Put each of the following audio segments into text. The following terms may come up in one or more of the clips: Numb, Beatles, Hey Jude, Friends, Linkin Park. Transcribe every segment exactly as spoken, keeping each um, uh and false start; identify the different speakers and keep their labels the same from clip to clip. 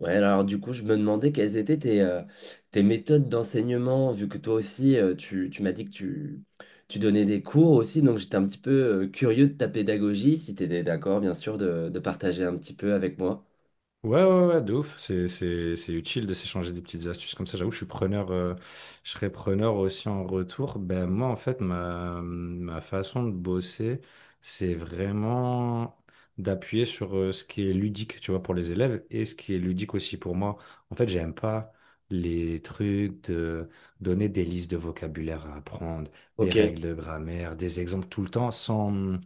Speaker 1: Ouais, alors du coup, je me demandais quelles étaient tes, euh, tes méthodes d'enseignement, vu que toi aussi, euh, tu, tu m'as dit que tu, tu donnais des cours aussi, donc j'étais un petit peu euh, curieux de ta pédagogie, si tu étais d'accord, bien sûr, de, de partager un petit peu avec moi.
Speaker 2: Ouais, ouais, ouais, de ouf. C'est, c'est, c'est utile de s'échanger des petites astuces comme ça. J'avoue, je suis preneur, euh, je serais preneur aussi en retour. Ben, moi, en fait, ma, ma façon de bosser, c'est vraiment d'appuyer sur euh, ce qui est ludique, tu vois, pour les élèves et ce qui est ludique aussi pour moi. En fait, j'aime pas les trucs de donner des listes de vocabulaire à apprendre, des
Speaker 1: Ok,
Speaker 2: règles de grammaire, des exemples tout le temps sans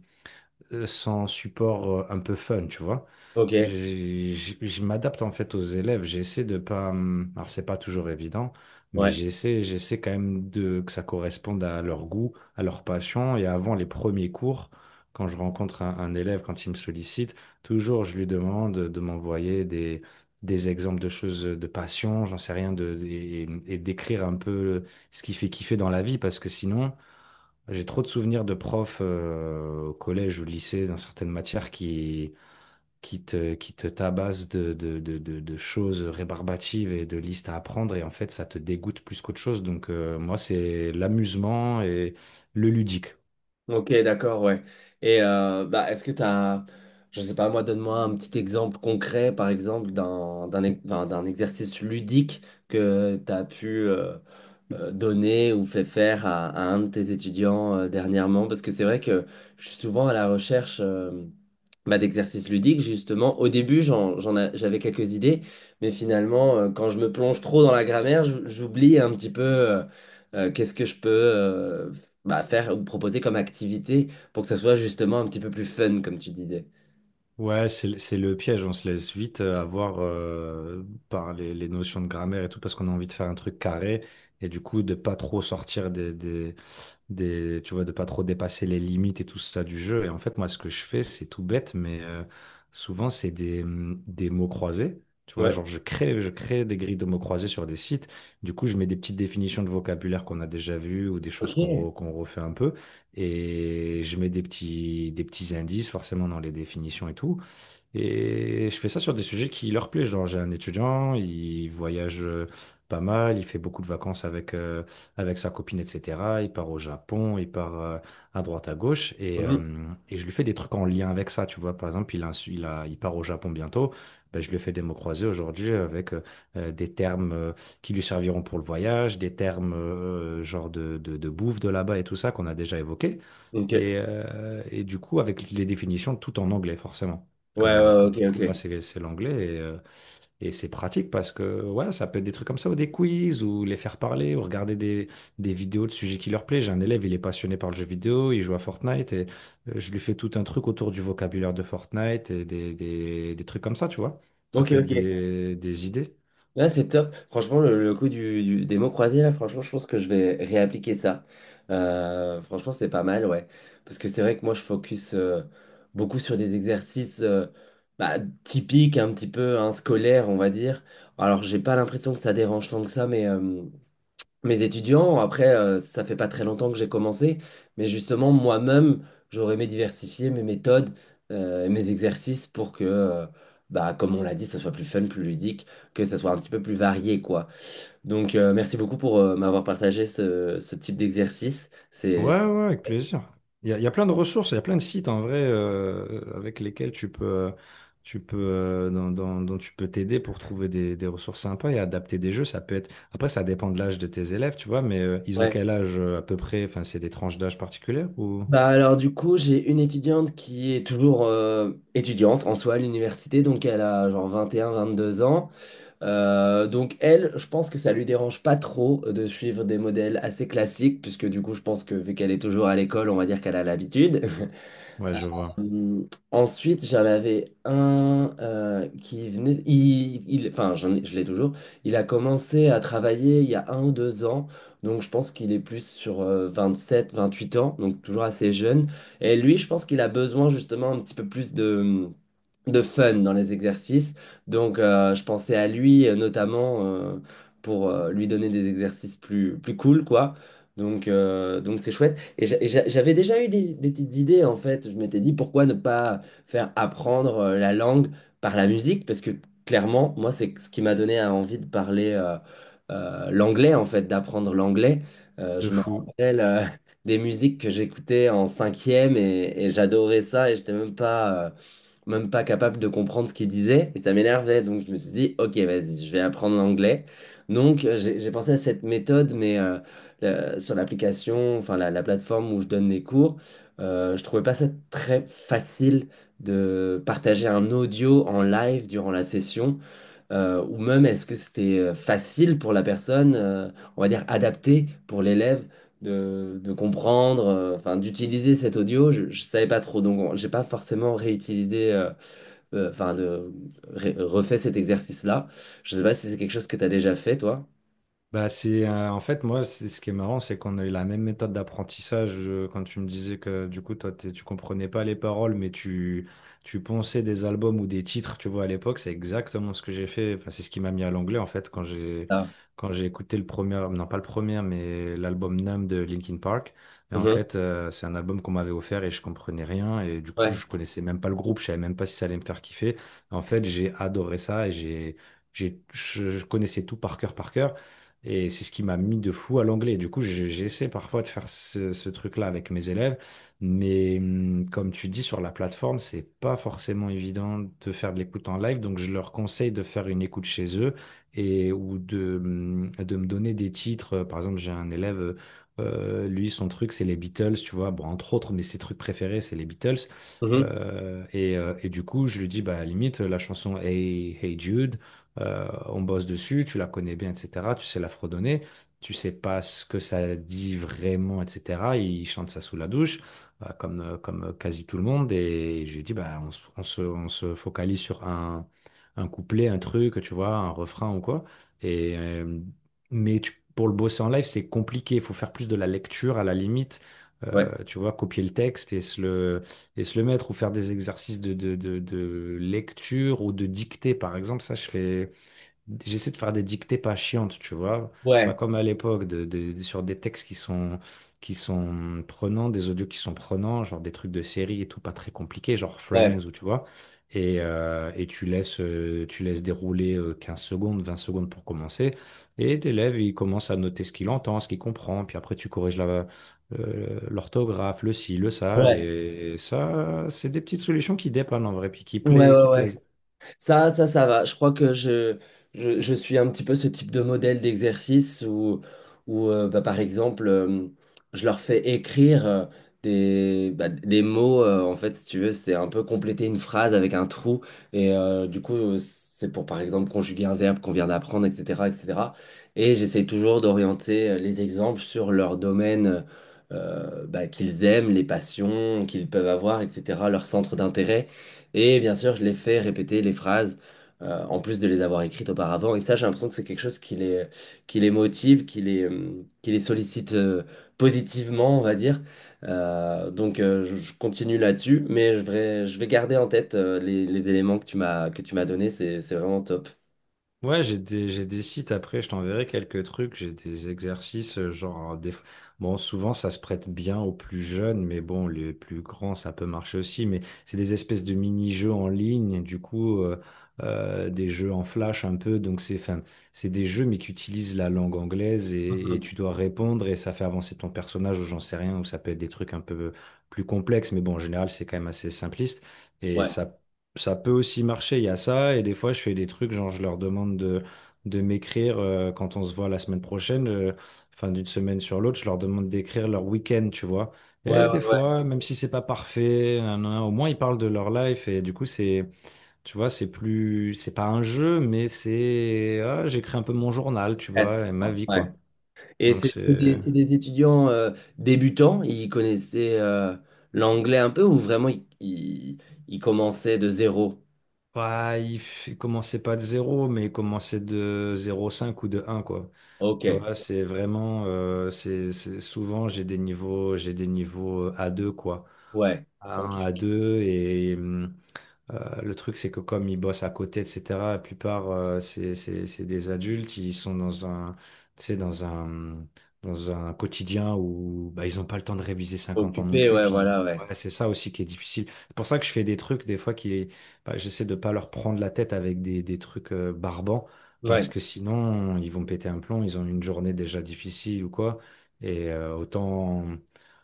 Speaker 2: euh, sans support euh, un peu fun, tu vois.
Speaker 1: ok,
Speaker 2: J'ai- j'ai- Je m'adapte en fait aux élèves, j'essaie de pas. hum, Alors c'est pas toujours évident, mais
Speaker 1: ouais.
Speaker 2: j'essaie, j'essaie quand même de, que ça corresponde à leur goût, à leur passion. Et avant les premiers cours, quand je rencontre un, un élève, quand il me sollicite, toujours je lui demande de m'envoyer des, des exemples de choses de passion, j'en sais rien, de, et, et d'écrire un peu ce qui fait kiffer dans la vie, parce que sinon. J'ai trop de souvenirs de profs euh, au collège, au lycée, dans certaines matières qui, qui te, qui te tabassent de, de, de, de, de choses rébarbatives et de listes à apprendre. Et en fait, ça te dégoûte plus qu'autre chose. Donc, euh, moi, c'est l'amusement et le ludique.
Speaker 1: Ok, d'accord, ouais. Et euh, bah, est-ce que tu as, je sais pas, moi, donne-moi un petit exemple concret, par exemple, d'un d'un ex- enfin, d'un exercice ludique que tu as pu euh, euh, donner ou fait faire à, à un de tes étudiants euh, dernièrement, parce que c'est vrai que je suis souvent à la recherche euh, bah, d'exercices ludiques, justement. Au début, j'en, j'en a- j'avais quelques idées, mais finalement, euh, quand je me plonge trop dans la grammaire, j- j'oublie un petit peu euh, euh, qu'est-ce que je peux euh, bah, faire ou proposer comme activité pour que ça soit justement un petit peu plus fun, comme tu disais.
Speaker 2: Ouais, c'est, le c'est le piège, on se laisse vite euh, avoir euh, par les, les notions de grammaire et tout, parce qu'on a envie de faire un truc carré, et du coup de pas trop sortir des, des, des- tu vois, de pas trop dépasser les limites et tout ça du jeu. Et en fait, moi, ce que je fais, c'est tout bête, mais euh, souvent, c'est des, hum, des mots croisés. Tu vois,
Speaker 1: Ouais,
Speaker 2: genre, je crée, je crée des grilles de mots croisés sur des sites. Du coup, je mets des petites définitions de vocabulaire qu'on a déjà vues ou des choses qu'on
Speaker 1: ok.
Speaker 2: re- qu'on refait un peu. Et je mets des petits, des petits indices, forcément, dans les définitions et tout. Et je fais ça sur des sujets qui leur plaisent. Genre, j'ai un étudiant, il voyage euh, pas mal, il fait beaucoup de vacances avec, euh, avec sa copine, et cetera. Il part au Japon, il part euh, à droite, à gauche. Et,
Speaker 1: Mhm.
Speaker 2: euh, et je lui fais des trucs en lien avec ça. Tu vois, par exemple, il a, un su- il a- il part au Japon bientôt. Ben, je lui fais des mots croisés aujourd'hui avec euh, euh, des termes euh, qui lui serviront pour le voyage, des termes euh, genre de, de, de bouffe de là-bas et tout ça qu'on a déjà évoqué.
Speaker 1: Ok. Ouais,
Speaker 2: Et, euh, et du coup, avec les définitions, tout en anglais, forcément.
Speaker 1: ouais,
Speaker 2: Comme, euh,
Speaker 1: ouais,
Speaker 2: comme
Speaker 1: ok,
Speaker 2: du coup, moi,
Speaker 1: ok.
Speaker 2: c'est c'est l'anglais et, euh, et c'est pratique parce que ouais, ça peut être des trucs comme ça ou des quiz ou les faire parler ou regarder des, des vidéos de sujets qui leur plaisent. J'ai un élève, il est passionné par le jeu vidéo, il joue à Fortnite et euh, je lui fais tout un truc autour du vocabulaire de Fortnite et des, des, des trucs comme ça, tu vois. Ça
Speaker 1: Ok,
Speaker 2: peut être
Speaker 1: ok.
Speaker 2: des, des idées.
Speaker 1: Là, c'est top. Franchement, le, le coup du, du- des mots croisés, là, franchement, je pense que je vais réappliquer ça. Euh, franchement, c'est pas mal, ouais. Parce que c'est vrai que moi, je focus euh, beaucoup sur des exercices euh, bah, typiques, un petit peu hein, scolaires, on va dire. Alors, j'ai pas l'impression que ça dérange tant que ça, mais euh, mes étudiants. Après, euh, ça fait pas très longtemps que j'ai commencé, mais justement, moi-même, j'aurais aimé diversifier mes méthodes, euh, et mes exercices pour que, euh, bah, comme on l'a dit, ça soit plus fun, plus ludique, que ça soit un petit peu plus varié, quoi. Donc, euh, merci beaucoup pour euh, m'avoir partagé ce, ce type d'exercice.
Speaker 2: Ouais,
Speaker 1: C'est c'est-
Speaker 2: ouais, ouais, avec plaisir. Il y a, il y a plein de ressources, il y a plein de sites en vrai euh, avec lesquels tu peux, euh, tu peux, euh, dans- dans- dont tu peux t'aider pour trouver des, des ressources sympas et adapter des jeux. Ça peut être. Après, ça dépend de l'âge de tes élèves, tu vois, mais euh, ils ont
Speaker 1: ouais.
Speaker 2: quel âge euh, à peu près? Enfin, c'est des tranches d'âge particulières ou?
Speaker 1: Bah alors du coup, j'ai une étudiante qui est toujours euh, étudiante en soi à l'université, donc elle a genre vingt et un, vingt-deux ans. Euh, donc elle, je pense que ça lui dérange pas trop de suivre des modèles assez classiques, puisque du coup je pense que vu qu'elle est toujours à l'école, on va dire qu'elle a l'habitude.
Speaker 2: Ouais, je vois.
Speaker 1: Euh, Ensuite, j'en avais un euh, qui venait, il, il- enfin j'en ai- je l'ai toujours, il a commencé à travailler il y a un ou deux ans, donc je pense qu'il est plus sur euh, vingt-sept, vingt-huit ans, donc toujours assez jeune. Et lui, je pense qu'il a besoin justement un petit peu plus de de fun dans les exercices. Donc, euh, je pensais à lui euh, notamment euh, pour euh, lui donner des exercices plus, plus cool, quoi. Donc, euh, donc c'est chouette. Et j'a- et j'a- j'avais déjà eu des, des petites idées, en fait. Je m'étais dit, pourquoi ne pas faire apprendre euh, la langue par la musique? Parce que clairement, moi, c'est ce qui m'a donné euh, envie de parler euh, euh, l'anglais, en fait, d'apprendre l'anglais. Euh,
Speaker 2: De
Speaker 1: je me
Speaker 2: fou.
Speaker 1: rappelle euh, des musiques que j'écoutais en cinquième et, et j'adorais ça et j'étais même pas... euh, même pas capable de comprendre ce qu'il disait et ça m'énervait. Donc je me suis dit, ok, vas-y, je vais apprendre l'anglais. Donc euh, j'ai j'ai pensé à cette méthode, mais euh, la- sur l'application, enfin la, la plateforme où je donne les cours, euh, je trouvais pas ça très facile de partager un audio en live durant la session, euh, ou même est-ce que c'était euh, facile pour la personne, euh, on va dire adapté pour l'élève. De, de comprendre, euh, enfin d'utiliser cet audio, je, je savais pas trop, donc on- j'ai pas forcément réutilisé euh, euh, enfin, de, re- refais cet exercice-là. Je sais pas si c'est quelque chose que tu as déjà fait, toi.
Speaker 2: Bah c'est euh, en fait moi c'est ce qui est marrant, c'est qu'on a eu la même méthode d'apprentissage euh, quand tu me disais que du coup toi t'es- tu comprenais pas les paroles mais tu tu ponçais des albums ou des titres tu vois à l'époque c'est exactement ce que j'ai fait, enfin c'est ce qui m'a mis à l'anglais en fait quand j'ai
Speaker 1: Ah.
Speaker 2: quand j'ai écouté le premier, non pas le premier mais l'album Numb de Linkin Park, et en
Speaker 1: Mhm.
Speaker 2: fait euh, c'est un album qu'on m'avait offert et je comprenais rien et du coup
Speaker 1: Ouais.
Speaker 2: je connaissais même pas le groupe, je savais même pas si ça allait me faire kiffer, en fait j'ai adoré ça et j'ai j'ai je je connaissais tout par cœur par cœur, et c'est ce qui m'a mis de fou à l'anglais. Du coup, j'ai- j'essaie parfois de faire ce, ce truc-là avec mes élèves, mais hum, comme tu dis, sur la plateforme, c'est pas forcément évident de faire de l'écoute en live. Donc, je leur conseille de faire une écoute chez eux, et ou de, hum, de me donner des titres. Par exemple, j'ai un élève, euh, lui, son truc, c'est les Beatles, tu vois. Bon, entre autres, mais ses trucs préférés, c'est les Beatles.
Speaker 1: Mhm.
Speaker 2: Euh, et, euh, et du coup, je lui dis, bah, à la limite, la chanson Hey, Hey Jude. Euh, on bosse dessus, tu la connais bien, et cetera. Tu sais la fredonner, tu sais pas ce que ça dit vraiment, et cetera. Il chante ça sous la douche, euh, comme, euh, comme quasi tout le monde. Et je lui dis, bah, on, se, on se- on se focalise sur un, un couplet, un truc, tu vois, un refrain ou quoi. Et, euh, mais tu- pour le bosser en live, c'est compliqué. Il faut faire plus de la lecture à la limite.
Speaker 1: Ouais.
Speaker 2: Euh, tu vois, copier le texte et se le, et se le mettre ou faire des exercices de, de, de, de lecture ou de dictée, par exemple. Ça, je fais j'essaie de faire des dictées pas chiantes, tu vois. Pas
Speaker 1: Ouais.
Speaker 2: comme à l'époque, de, de- de- sur des textes qui sont, qui sont prenants, des audios qui sont prenants, genre des trucs de série et tout, pas très compliqués, genre
Speaker 1: Ouais.
Speaker 2: Friends ou tu vois. Et, euh, et tu laisses, euh, tu laisses dérouler euh, quinze secondes, vingt secondes pour commencer. Et l'élève, il commence à noter ce qu'il entend, ce qu'il comprend. Puis après, tu corriges la, euh, l'orthographe, le ci, le ça.
Speaker 1: Ouais.
Speaker 2: Et ça, c'est des petites solutions qui dépannent en vrai, puis qui
Speaker 1: Ouais.
Speaker 2: plaît,
Speaker 1: Ouais.
Speaker 2: qui
Speaker 1: Ouais.
Speaker 2: plaisent.
Speaker 1: Ça, ça, ça va. Je crois que je, je, je suis un petit peu ce type de modèle d'exercice où, où euh, bah, par exemple, euh, je leur fais écrire euh, des, bah, des mots. Euh, en fait, si tu veux, c'est un peu compléter une phrase avec un trou. Et euh, du coup, euh, c'est pour, par exemple, conjuguer un verbe qu'on vient d'apprendre, et cetera, et cetera. Et cetera. Et j'essaie toujours d'orienter euh, les exemples sur leur domaine euh, bah, qu'ils aiment, les passions qu'ils peuvent avoir, et cetera, leur centre d'intérêt. Et bien sûr, je les fais répéter les phrases, euh, en plus de les avoir écrites auparavant. Et ça, j'ai l'impression que c'est quelque chose qui les, qui les motive, qui les, euh, qui les sollicite euh, positivement, on va dire. Euh, donc, euh, je, je continue là-dessus, mais je vais, je vais garder en tête euh, les, les éléments que tu m'as, que tu m'as donnés. C'est, c'est vraiment top.
Speaker 2: Ouais, j'ai des, j'ai des sites, après, je t'enverrai quelques trucs, j'ai des exercices, euh, genre, hein, des... fois- bon, souvent ça se prête bien aux plus jeunes, mais bon, les plus grands, ça peut marcher aussi, mais c'est des espèces de mini-jeux en ligne, du coup, euh, euh, des jeux en flash un peu, donc c'est, enfin, c'est des jeux, mais qui utilisent la langue anglaise, et, et
Speaker 1: Mhm.
Speaker 2: tu dois répondre et ça fait avancer ton personnage ou j'en sais rien, ou ça peut être des trucs un peu plus complexes, mais bon, en général, c'est quand même assez simpliste et
Speaker 1: Ouais,
Speaker 2: ça ça peut aussi marcher, il y a ça. Et des fois, je fais des trucs, genre, je leur demande de, de m'écrire euh, quand on se voit la semaine prochaine, euh, enfin, d'une semaine sur l'autre, je leur demande d'écrire leur week-end, tu vois. Et
Speaker 1: ouais, ouais,
Speaker 2: des
Speaker 1: ouais.
Speaker 2: fois, même si c'est pas parfait, nanana, au moins ils parlent de leur life. Et du coup, c'est, tu vois, c'est plus, c'est pas un jeu, mais c'est, ah, j'écris un peu mon journal, tu
Speaker 1: Presque.
Speaker 2: vois, et ma vie,
Speaker 1: Ouais.
Speaker 2: quoi.
Speaker 1: Et
Speaker 2: Donc,
Speaker 1: c'est c'est
Speaker 2: c'est.
Speaker 1: des, c'est des étudiants euh, débutants, ils connaissaient euh, l'anglais un peu ou vraiment ils, ils, ils commençaient de zéro?
Speaker 2: Ouais, il, f- il commençait pas de zéro, mais il commençait de zéro virgule cinq ou de un quoi.
Speaker 1: Ok,
Speaker 2: Tu vois, c'est vraiment, euh, c'est, c'est- souvent j'ai des niveaux, j'ai des niveaux euh, a deux quoi.
Speaker 1: ouais. Ok.
Speaker 2: A un, A deux, et, mm, euh, le truc, c'est que comme ils bossent à côté, et cetera, la plupart, euh, c'est c'est- c'est des adultes qui sont dans un, tu sais, dans un, dans un quotidien où bah, ils n'ont pas le temps de réviser cinquante ans non
Speaker 1: Occupé,
Speaker 2: plus.
Speaker 1: ouais,
Speaker 2: Puis
Speaker 1: voilà, ouais.
Speaker 2: ouais, c'est ça aussi qui est difficile. C'est pour ça que je fais des trucs, des fois, qui, bah, j'essaie de pas leur prendre la tête avec des, des trucs euh, barbants, parce
Speaker 1: Ouais.
Speaker 2: que sinon, ils vont péter un plomb, ils ont une journée déjà difficile ou quoi. Et euh, autant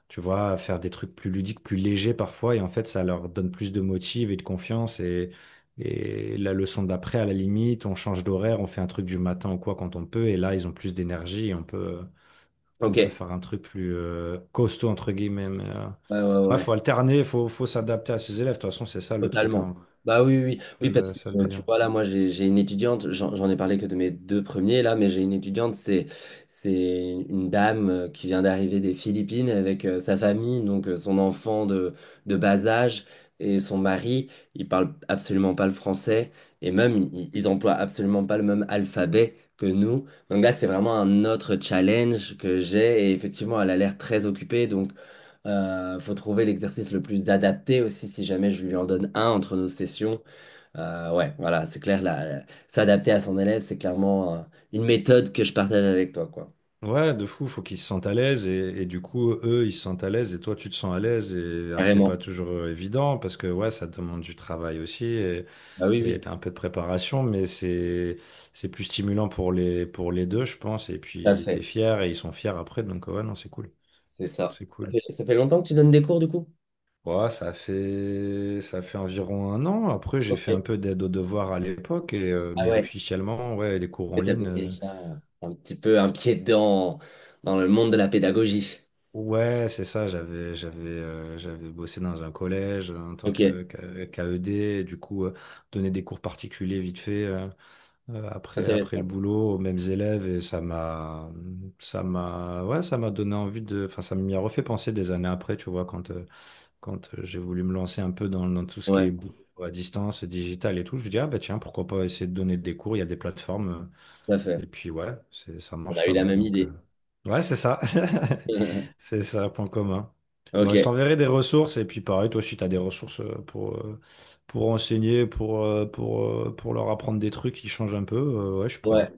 Speaker 2: tu vois, faire des trucs plus ludiques, plus légers parfois, et en fait, ça leur donne plus de motive et de confiance, et, et la leçon d'après, à la limite, on change d'horaire, on fait un truc du matin ou quoi quand on peut, et là, ils ont plus d'énergie, et on peut,
Speaker 1: Ok.
Speaker 2: on peut
Speaker 1: Ouais,
Speaker 2: faire un truc plus euh, costaud, entre guillemets, mais... euh,
Speaker 1: ouais,
Speaker 2: Ouais,
Speaker 1: ouais.
Speaker 2: faut alterner, faut, faut s'adapter à ses élèves. De toute façon, c'est ça le truc,
Speaker 1: Totalement.
Speaker 2: hein.
Speaker 1: Bah oui, oui, oui,
Speaker 2: C'est
Speaker 1: oui, parce que
Speaker 2: Le, c'est le
Speaker 1: euh, tu
Speaker 2: délire.
Speaker 1: vois, là, moi, j'ai j'ai une étudiante, j'en j'en ai parlé que de mes deux premiers, là, mais j'ai une étudiante, c'est c'est une dame euh, qui vient d'arriver des Philippines avec euh, sa famille, donc euh, son enfant de, de bas âge et son mari, ils parlent absolument pas le français et même, ils, ils emploient absolument pas le même alphabet que nous. Donc là, c'est vraiment un autre challenge que j'ai et effectivement, elle a l'air très occupée, donc. Euh, faut trouver l'exercice le plus adapté aussi si jamais je lui en donne un entre nos sessions. Euh, ouais, voilà, c'est clair, là, s'adapter à son élève, c'est clairement euh, une méthode que je partage avec toi, quoi.
Speaker 2: Ouais, de fou, faut qu'ils se sentent à l'aise et, et du coup, eux, ils se sentent à l'aise et toi, tu te sens à l'aise. Et alors, c'est pas
Speaker 1: Carrément.
Speaker 2: toujours euh, évident parce que ouais, ça demande du travail aussi, et
Speaker 1: Bah oui, oui,
Speaker 2: un peu de préparation, mais c'est c'est plus stimulant pour les pour les deux, je pense. Et
Speaker 1: tout à
Speaker 2: puis t'es
Speaker 1: fait.
Speaker 2: fier et ils sont fiers après, donc ouais, non, c'est cool,
Speaker 1: C'est ça.
Speaker 2: c'est
Speaker 1: Ça
Speaker 2: cool.
Speaker 1: fait ça fait longtemps que tu donnes des cours, du coup?
Speaker 2: Ouais, ça fait ça fait environ un an. Après, j'ai
Speaker 1: Ok.
Speaker 2: fait un peu d'aide aux devoirs à l'époque, et euh,
Speaker 1: Ah
Speaker 2: mais
Speaker 1: ouais,
Speaker 2: officiellement, ouais, les cours en
Speaker 1: tu avais
Speaker 2: ligne. Euh,
Speaker 1: déjà un petit peu un pied dedans dans le monde de la pédagogie.
Speaker 2: ouais, c'est ça. J'avais j'avais euh, j'avais bossé dans un collège en tant
Speaker 1: Ok,
Speaker 2: que que- qu'A E D, et du coup, euh, donner des cours particuliers vite fait. Euh, euh, après, après le
Speaker 1: intéressant.
Speaker 2: boulot aux mêmes élèves, et ça m'a, ça m'a, ouais, ça m'a donné envie de, enfin, ça m'y a refait penser des années après, tu vois, quand, euh, quand euh, j'ai voulu me lancer un peu dans, dans tout ce qui est
Speaker 1: Ouais,
Speaker 2: boulot à distance, digital et tout, je me dis, ah bah tiens, pourquoi pas essayer de donner des cours, il y a des plateformes. Euh,
Speaker 1: tout à fait.
Speaker 2: et puis ouais, c'est, ça
Speaker 1: On
Speaker 2: marche
Speaker 1: a eu
Speaker 2: pas
Speaker 1: la
Speaker 2: mal.
Speaker 1: même
Speaker 2: Donc, euh,
Speaker 1: idée.
Speaker 2: ouais, c'est ça. C'est ça, point commun.
Speaker 1: Ok.
Speaker 2: Bon, je t'enverrai des ressources. Et puis pareil, toi aussi, tu as des ressources euh, pour, euh, pour enseigner, pour, euh, pour, euh, pour leur apprendre des trucs qui changent un peu. Euh, ouais, je suis
Speaker 1: Ouais.
Speaker 2: preneur.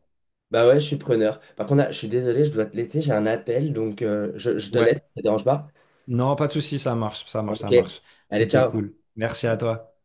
Speaker 1: Bah ouais, je suis preneur. Par contre, là, je suis désolé, je dois te laisser, j'ai un appel, donc euh, je, je te laisse, ça
Speaker 2: Ouais.
Speaker 1: te dérange pas?
Speaker 2: Non, pas de souci, ça marche, ça marche,
Speaker 1: Ok.
Speaker 2: ça marche.
Speaker 1: Allez,
Speaker 2: C'était
Speaker 1: ciao.
Speaker 2: cool. Merci à toi.